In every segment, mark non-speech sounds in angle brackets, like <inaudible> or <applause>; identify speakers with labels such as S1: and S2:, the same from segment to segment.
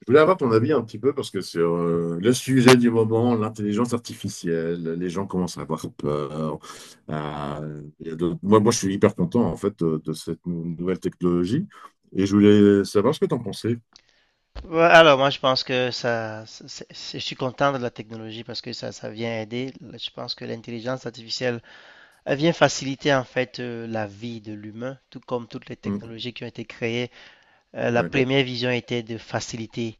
S1: Je voulais avoir ton avis un petit peu parce que sur le sujet du moment, l'intelligence artificielle, les gens commencent à avoir peur. Il y a d'autres- moi, moi, Je suis hyper content en fait de cette nouvelle technologie et je voulais savoir ce que tu en pensais.
S2: Ouais, alors, moi, je pense que ça, je suis content de la technologie parce que ça vient aider. Je pense que l'intelligence artificielle elle vient faciliter en fait la vie de l'humain, tout comme toutes les
S1: Mm.
S2: technologies qui ont été créées. La, oui,
S1: Ouais,
S2: première vision était de faciliter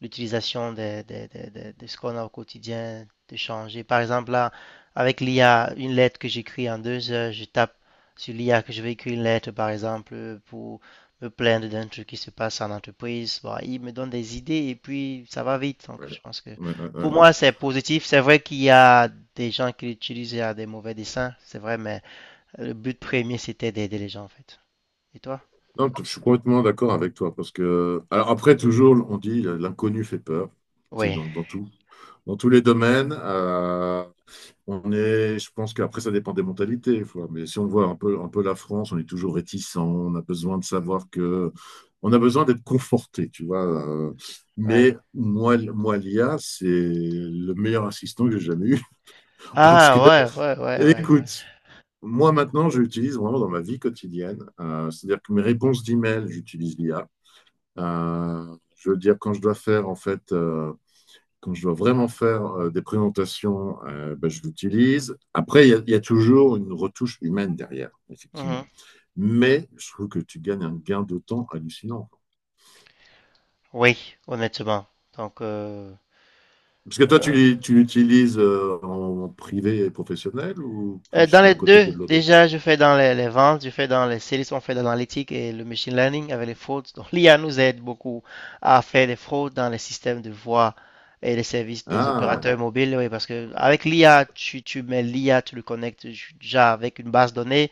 S2: l'utilisation de ce qu'on a au quotidien, de changer. Par exemple, là, avec l'IA, une lettre que j'écris en 2 heures, je tape sur l'IA que je vais écrire une lettre, par exemple, pour me plaindre d'un truc qui se passe en entreprise. Bon, il me donne des idées et puis ça va vite. Donc,
S1: ouais,
S2: je pense que
S1: ouais, ouais,
S2: pour
S1: ouais.
S2: moi, c'est positif. C'est vrai qu'il y a des gens qui l'utilisent à des mauvais desseins, c'est vrai, mais le but premier, c'était d'aider les gens, en fait. Et toi?
S1: Non, t- Je suis complètement d'accord avec toi parce que, alors après, toujours, on dit l'inconnu fait peur. C'est
S2: Oui,
S1: dans tout, dans tous les domaines. Je pense qu'après, ça dépend des mentalités des fois. Mais si on voit un peu la France, on est toujours réticent. On a besoin de savoir que. On a besoin d'être conforté, tu vois.
S2: ouais.
S1: Mais moi, l'IA, c'est le meilleur assistant que j'ai jamais eu. <laughs> Parce que,
S2: Ah, ouais, ouais, ouais, ouais, ouais.
S1: Écoute, moi, maintenant, je l'utilise vraiment dans ma vie quotidienne. C'est-à-dire que mes réponses d'email, j'utilise l'IA. Je veux dire, quand je dois faire, en fait. Quand je dois vraiment faire des présentations, ben, je l'utilise. Après, y a toujours une retouche humaine derrière, effectivement.
S2: Mhm.
S1: Mais je trouve que tu gagnes un gain de temps hallucinant.
S2: Oui, honnêtement. Donc, euh,
S1: Parce que toi,
S2: euh,
S1: tu l'utilises en privé et professionnel ou
S2: Dans
S1: plus
S2: les
S1: d'un côté
S2: deux,
S1: que de l'autre?
S2: déjà, je fais dans les ventes, je fais dans les services, on fait dans l'analytique et le machine learning avec les fraudes. Donc, l'IA nous aide beaucoup à faire des fraudes dans les systèmes de voix et les services des
S1: Ah,
S2: opérateurs mobiles. Oui, parce que avec l'IA, tu mets l'IA, tu le connectes déjà avec une base de données,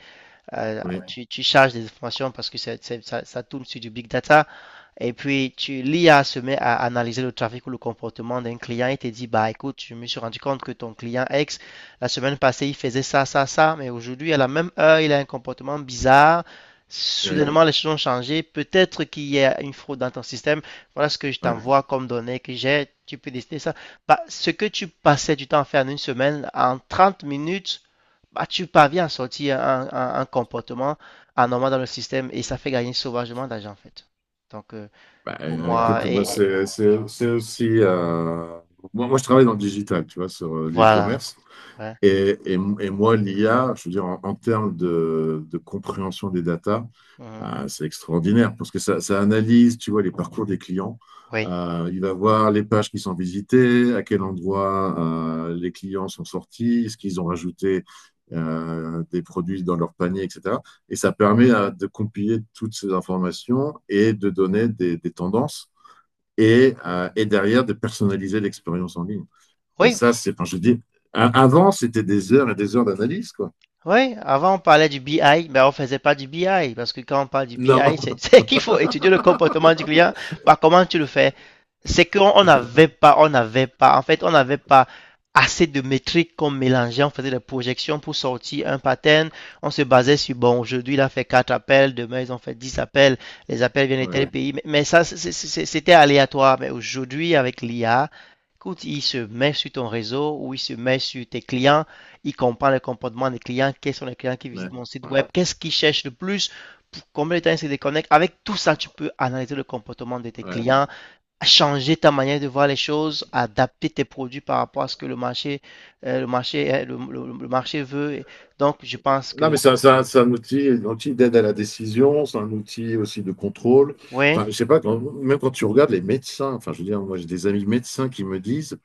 S2: euh,
S1: oui,
S2: tu charges des informations parce que ça, ça tourne sur du big data. Et puis, tu, l'IA se met à analyser le trafic ou le comportement d'un client et te dit, bah écoute, je me suis rendu compte que ton client X, la semaine passée, il faisait ça, ça, ça, mais aujourd'hui, à la même heure, il a un comportement bizarre.
S1: oui,
S2: Soudainement, les choses ont changé. Peut-être qu'il y a une fraude dans ton système. Voilà ce que je
S1: ouais.
S2: t'envoie comme données que j'ai. Tu peux décider ça. Bah, ce que tu passais du temps à faire en une semaine, en 30 minutes, bah, tu parviens à sortir un comportement anormal dans le système et ça fait gagner sauvagement d'argent, en fait. Donc, euh,
S1: Bah,
S2: pour moi.
S1: écoute,
S2: Et
S1: moi, c'est aussi. Moi, je travaille dans le digital, tu vois, sur
S2: voilà.
S1: l'e-commerce.
S2: Ouais.
S1: Et moi, l'IA, je veux dire, en, en termes de compréhension des datas,
S2: Mhm.
S1: c'est extraordinaire parce que ça analyse, tu vois, les parcours des clients.
S2: Oui.
S1: Il va voir les pages qui sont visitées, à quel endroit les clients sont sortis, ce qu'ils ont rajouté des produits dans leur panier, etc. Et ça permet de compiler toutes ces informations et de donner des tendances et et derrière de personnaliser l'expérience en ligne. Et
S2: Oui,
S1: ça, c'est, enfin, je dis, avant, c'était des heures et des heures d'analyse, quoi.
S2: Oui, avant on parlait du BI, mais on faisait pas du BI, parce que quand on parle du BI,
S1: Non.
S2: c'est <laughs> c'est qu'il faut étudier le comportement du client. Bah, comment tu le fais? C'est qu'on n'avait pas, on n'avait pas, en fait, on n'avait pas assez de métriques qu'on mélangeait, on faisait des projections pour sortir un pattern, on se basait sur, bon, aujourd'hui, il a fait 4 appels, demain, ils ont fait 10 appels, les appels viennent de
S1: Ouais,
S2: tel, ouais, pays, mais, ça, c'est- c'était aléatoire, mais aujourd'hui, avec l'IA, écoute, il se met sur ton réseau ou il se met sur tes clients, il comprend le comportement des clients, quels sont les clients qui
S1: ouais,
S2: visitent mon site
S1: ouais,
S2: web, qu'est-ce qu'ils cherchent le plus, pour combien de temps ils se déconnectent. Avec tout ça, tu peux analyser le comportement de tes
S1: ouais.
S2: clients, changer ta manière de voir les choses, adapter tes produits par rapport à ce que le marché, le marché veut. Et donc, je pense
S1: Non,
S2: que
S1: mais c'est un- Outil, un outil d'aide à la décision, c'est un outil aussi de contrôle.
S2: oui.
S1: Enfin, je sais pas, même quand tu regardes les médecins, enfin, je veux dire, moi, j'ai des amis médecins qui me disent,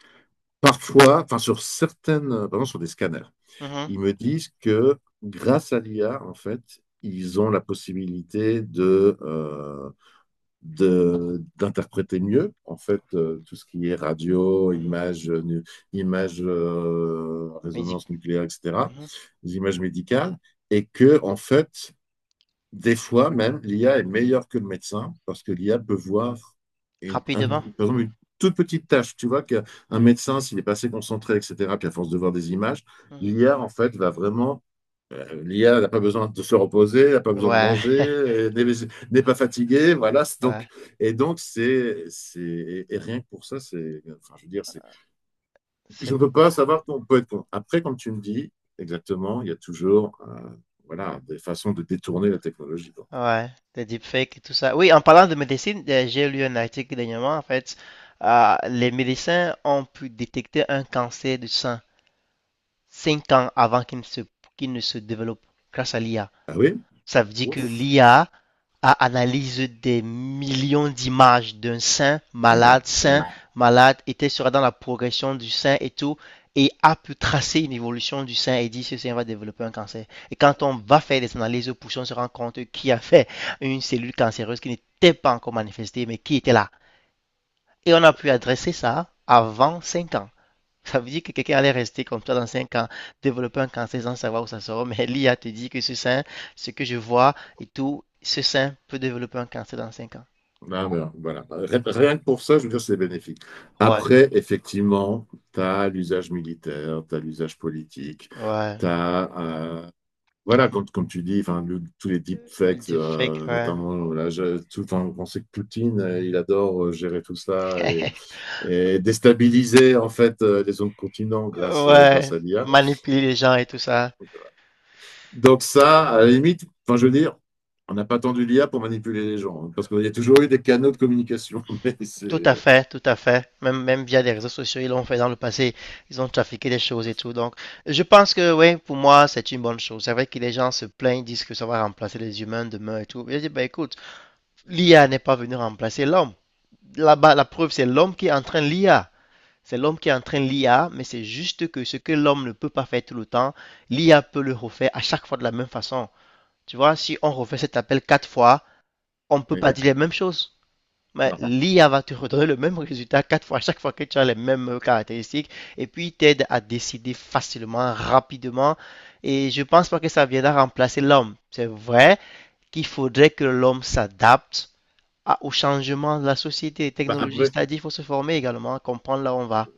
S1: parfois, enfin, sur certaines, par exemple, sur des scanners,
S2: Mhm,
S1: ils me disent que grâce à l'IA, en fait, ils ont la possibilité de, d'interpréter mieux en fait tout ce qui est radio,
S2: mhm.
S1: images, images,
S2: Mais
S1: résonance nucléaire, etc.,
S2: mhm.
S1: les images médicales, et que en fait des fois même l'IA est meilleure que le médecin parce que l'IA peut voir une, un-
S2: Rapidement.
S1: par exemple, une toute petite tâche. Tu vois qu'un
S2: Mhm,
S1: médecin s'il est pas assez concentré, etc., puis à force de voir des images,
S2: mhm.
S1: l'IA en fait va vraiment L'IA n'a pas besoin de se reposer, n'a pas besoin de
S2: Ouais,
S1: manger,
S2: <laughs>
S1: n'est pas fatiguée, voilà.
S2: ouais.
S1: Et donc, c'est, c'est, et rien que pour ça, c'est, enfin, je veux dire, c'est, je
S2: C'est
S1: ne peux pas savoir qu'on peut être con. Après, comme tu me dis, exactement, il y a toujours, voilà, des façons de détourner la technologie, quoi.
S2: Ouais, des deepfakes et tout ça. Oui, en parlant de médecine, j'ai lu un article dernièrement, en fait, les médecins ont pu détecter un cancer du sein 5 ans avant qu'il ne se développe grâce à l'IA.
S1: Ah oui?
S2: Ça veut dire que
S1: Ouf.
S2: l'IA a analysé des millions d'images d'un
S1: Oui.
S2: sein
S1: Oui.
S2: malade, était sera dans la progression du sein et tout, et a pu tracer une évolution du sein et dit ce sein va développer un cancer. Et quand on va faire des analyses poussées, on se rend compte qui a fait une cellule cancéreuse qui n'était pas encore manifestée, mais qui était là. Et on a pu adresser ça avant 5 ans. Ça veut dire que quelqu'un allait rester comme toi dans 5 ans, développer un cancer sans savoir où ça sera. Mais l'IA te dit que ce sein, ce que je vois et tout, ce sein peut développer un cancer dans 5 ans.
S1: Ah, ben, voilà. Rien que pour ça, je veux dire, c'est bénéfique.
S2: Ouais,
S1: Après, effectivement, tu as l'usage militaire, tu as l'usage politique,
S2: ouais.
S1: tu as Voilà, comme tu dis, enfin, tous les
S2: Le
S1: deepfakes,
S2: deepfake, ouais.
S1: notamment, là, tout, enfin, on sait que Poutine, il adore gérer tout ça
S2: <laughs>
S1: et déstabiliser en fait les zones continents grâce, grâce
S2: Ouais.
S1: à l'IA.
S2: Manipuler les gens et tout ça.
S1: Donc ça, à la limite, enfin, je veux dire, on n'a pas attendu l'IA pour manipuler les gens, hein, parce qu'il y a toujours eu des canaux de communication. <laughs> Mais c'est,
S2: Tout à fait, tout à fait. Même, même via les réseaux sociaux, ils l'ont fait dans le passé. Ils ont trafiqué des choses et tout. Donc, je pense que, oui, pour moi, c'est une bonne chose. C'est vrai que les gens se plaignent, disent que ça va remplacer les humains demain et tout. Je dis, bah écoute, l'IA n'est pas venue remplacer l'homme. Là-bas, la preuve, c'est l'homme qui entraîne l'IA. C'est l'homme qui entraîne l'IA, mais c'est juste que ce que l'homme ne peut pas faire tout le temps, l'IA peut le refaire à chaque fois de la même façon. Tu vois, si on refait cet appel quatre fois, on ne peut pas
S1: oui,
S2: dire les mêmes choses. Mais
S1: non.
S2: l'IA va te redonner le même résultat quatre fois, à chaque fois que tu as les mêmes caractéristiques, et puis t'aide à décider facilement, rapidement. Et je pense pas que ça viendra remplacer l'homme. C'est vrai qu'il faudrait que l'homme s'adapte au changement de la société et
S1: Bah,
S2: technologie.
S1: après,
S2: C'est-à-dire, il faut se former également, comprendre là où on va.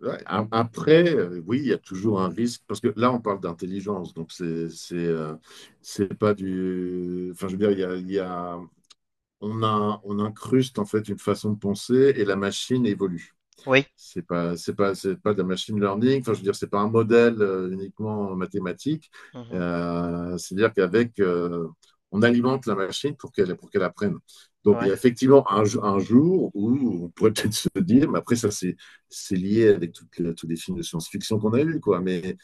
S1: Après, oui, il y a toujours un risque, parce que là, on parle d'intelligence, donc c'est c'est pas du... Enfin, je veux dire, on a, on incruste en fait une façon de penser et la machine évolue.
S2: Oui.
S1: C'est pas de la machine learning. Enfin, je veux dire, c'est pas un modèle uniquement mathématique.
S2: Mhm.
S1: Euh, c'est-à-dire qu'avec, euh, on alimente la machine pour qu'elle apprenne. Donc, il y
S2: Ouais.
S1: a effectivement un jour où on pourrait peut-être se dire, mais après ça, c'est lié avec tous les films de science-fiction qu'on a eus, quoi. Mais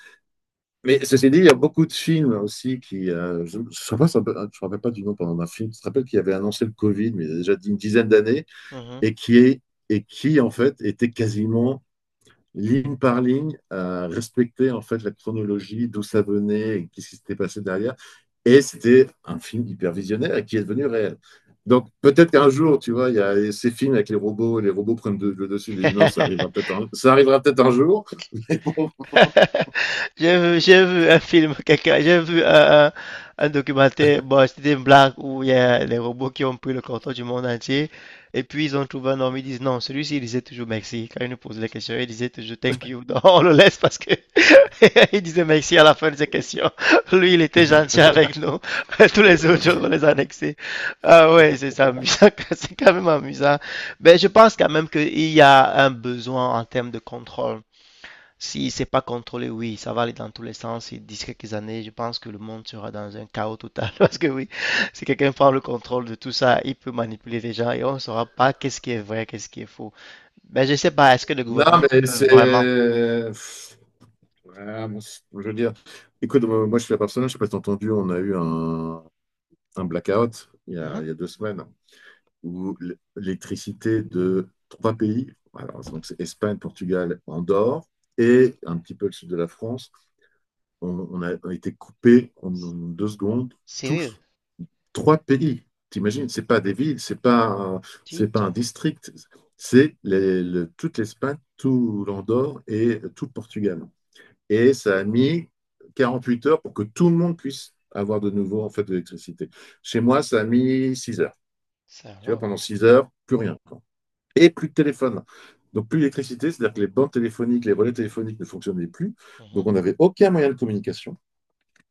S1: mais ceci dit, il y a beaucoup de films aussi qui, je ne me rappelle pas du nom pendant d'un film. Je te rappelle qu'il avait annoncé le Covid, mais il y a déjà une dizaine d'années,
S2: Mhm.
S1: et qui est et qui en fait était quasiment ligne par ligne, à respecter en fait la chronologie, d'où ça venait, et qu'est-ce qui s'était passé derrière. Et c'était un film hyper visionnaire et qui est devenu réel. Donc peut-être qu'un jour, tu vois, il y a ces films avec les robots prennent le dessus, les humains,
S2: <laughs>
S1: ça arrivera peut-être un jour.
S2: <laughs> J'ai vu un documentaire, bon, c'était une blague où il y a les robots qui ont pris le contrôle du monde entier, et puis ils ont trouvé un homme, ils disent non, celui-ci il disait toujours merci, quand ils nous posaient des questions, il disait toujours thank you, donc on le laisse parce que <laughs> il disait merci à la fin de ses questions, lui il était gentil avec nous, <laughs> tous les autres
S1: Ok.
S2: jours on les annexait, ah ouais, c'est ça, amusant, <laughs> c'est quand même amusant, mais je pense quand même qu'il y a un besoin en termes de contrôle. Si c'est pas contrôlé, oui, ça va aller dans tous les sens. Et d'ici quelques années, je pense que le monde sera dans un chaos total. <laughs> Parce que oui, si quelqu'un prend le contrôle de tout ça, il peut manipuler les gens et on ne saura pas qu'est-ce qui est vrai, qu'est-ce qui est faux. Mais je sais pas, est-ce que le
S1: Non,
S2: gouvernement
S1: mais
S2: peut
S1: c'est...
S2: vraiment...
S1: Ouais, bon, je veux dire, écoute, moi je suis la personne, je ne sais pas si t'as entendu, on a eu un blackout
S2: Mhm.
S1: il y a 2 semaines, où l'électricité de 3 pays, alors, donc c'est Espagne, Portugal, Andorre, et un petit peu le sud de la France, a été coupé en 2 secondes,
S2: Sérieux?
S1: tous, 3 pays. T'imagines,
S2: Dites,
S1: c'est pas des villes, c'est pas
S2: dites,
S1: un district, c'est toute l'Espagne, tout l'Andorre et tout le Portugal. Et ça a mis 48 heures pour que tout le monde puisse avoir de nouveau en fait de l'électricité. Chez moi, ça a mis 6 heures.
S2: ça
S1: Tu vois,
S2: alors.
S1: pendant 6 heures, plus rien et plus de téléphone. Donc plus d'électricité, c'est-à-dire que les bandes téléphoniques, les relais téléphoniques ne fonctionnaient plus. Donc
S2: Mhm.
S1: on n'avait aucun moyen de communication.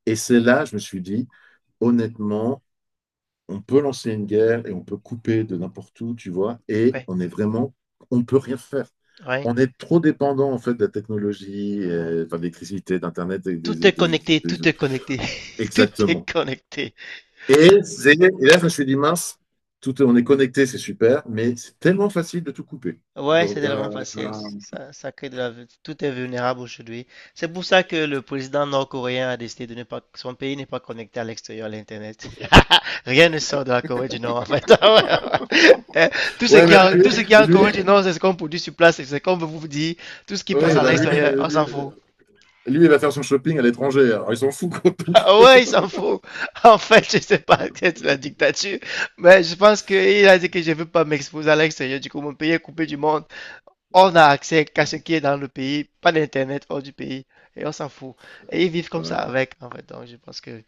S1: Et c'est là, je me suis dit, honnêtement, on peut lancer une guerre et on peut couper de n'importe où, tu vois, et
S2: Ouais,
S1: on est vraiment, on ne peut rien faire.
S2: ouais,
S1: On est trop dépendant en fait de la technologie,
S2: ouais.
S1: et, enfin, de l'électricité, d'internet,
S2: Tout est connecté,
S1: des-
S2: tout est connecté. <laughs> Tout est
S1: exactement.
S2: connecté.
S1: Et là, je me suis dit mince, tout, on est connecté, c'est super, mais c'est tellement facile de tout couper.
S2: Ouais, c'est
S1: Donc
S2: tellement
S1: euh,
S2: facile. Ça crée de la... Tout est vulnérable aujourd'hui. C'est pour ça que le président nord-coréen a décidé de ne pas... Son pays n'est pas connecté à l'extérieur, à l'Internet. <laughs> Rien ne sort de la Corée du Nord, en fait. <laughs> Eh, tout ce
S1: Ouais,
S2: qui
S1: mais
S2: a...
S1: lui,
S2: tout ce qui est en
S1: lui,
S2: Corée du Nord, c'est ce qu'on produit sur place. Et c'est comme vous dit. Tout ce qui passe
S1: oui,
S2: à
S1: bah
S2: l'extérieur, on s'en fout. <laughs>
S1: lui, il va faire son shopping à l'étranger. Alors, il s'en fout, quoi, donc.
S2: Ah, ouais, il s'en fout. <laughs> En fait, je sais pas, <laughs> c'est la dictature. Mais je pense qu'il a dit que je veux pas m'exposer à l'extérieur. Du coup, mon pays est coupé du monde. On a accès qu'à ce qui est dans le pays, pas d'internet hors du pays, et on s'en fout. Et ils vivent comme ça
S1: Ouais.
S2: avec, en fait. Donc, je pense que,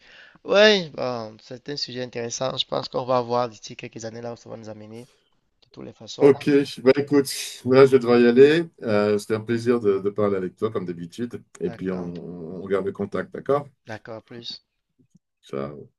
S2: ouais, bon, c'est un sujet intéressant. Je pense qu'on va voir d'ici quelques années là où ça va nous amener, de toutes les façons.
S1: Ok, bah écoute, là, je vais devoir y aller. C'était un plaisir de parler avec toi, comme d'habitude. Et puis,
S2: D'accord,
S1: on garde le contact, d'accord?
S2: d'accord, à plus.
S1: Ciao.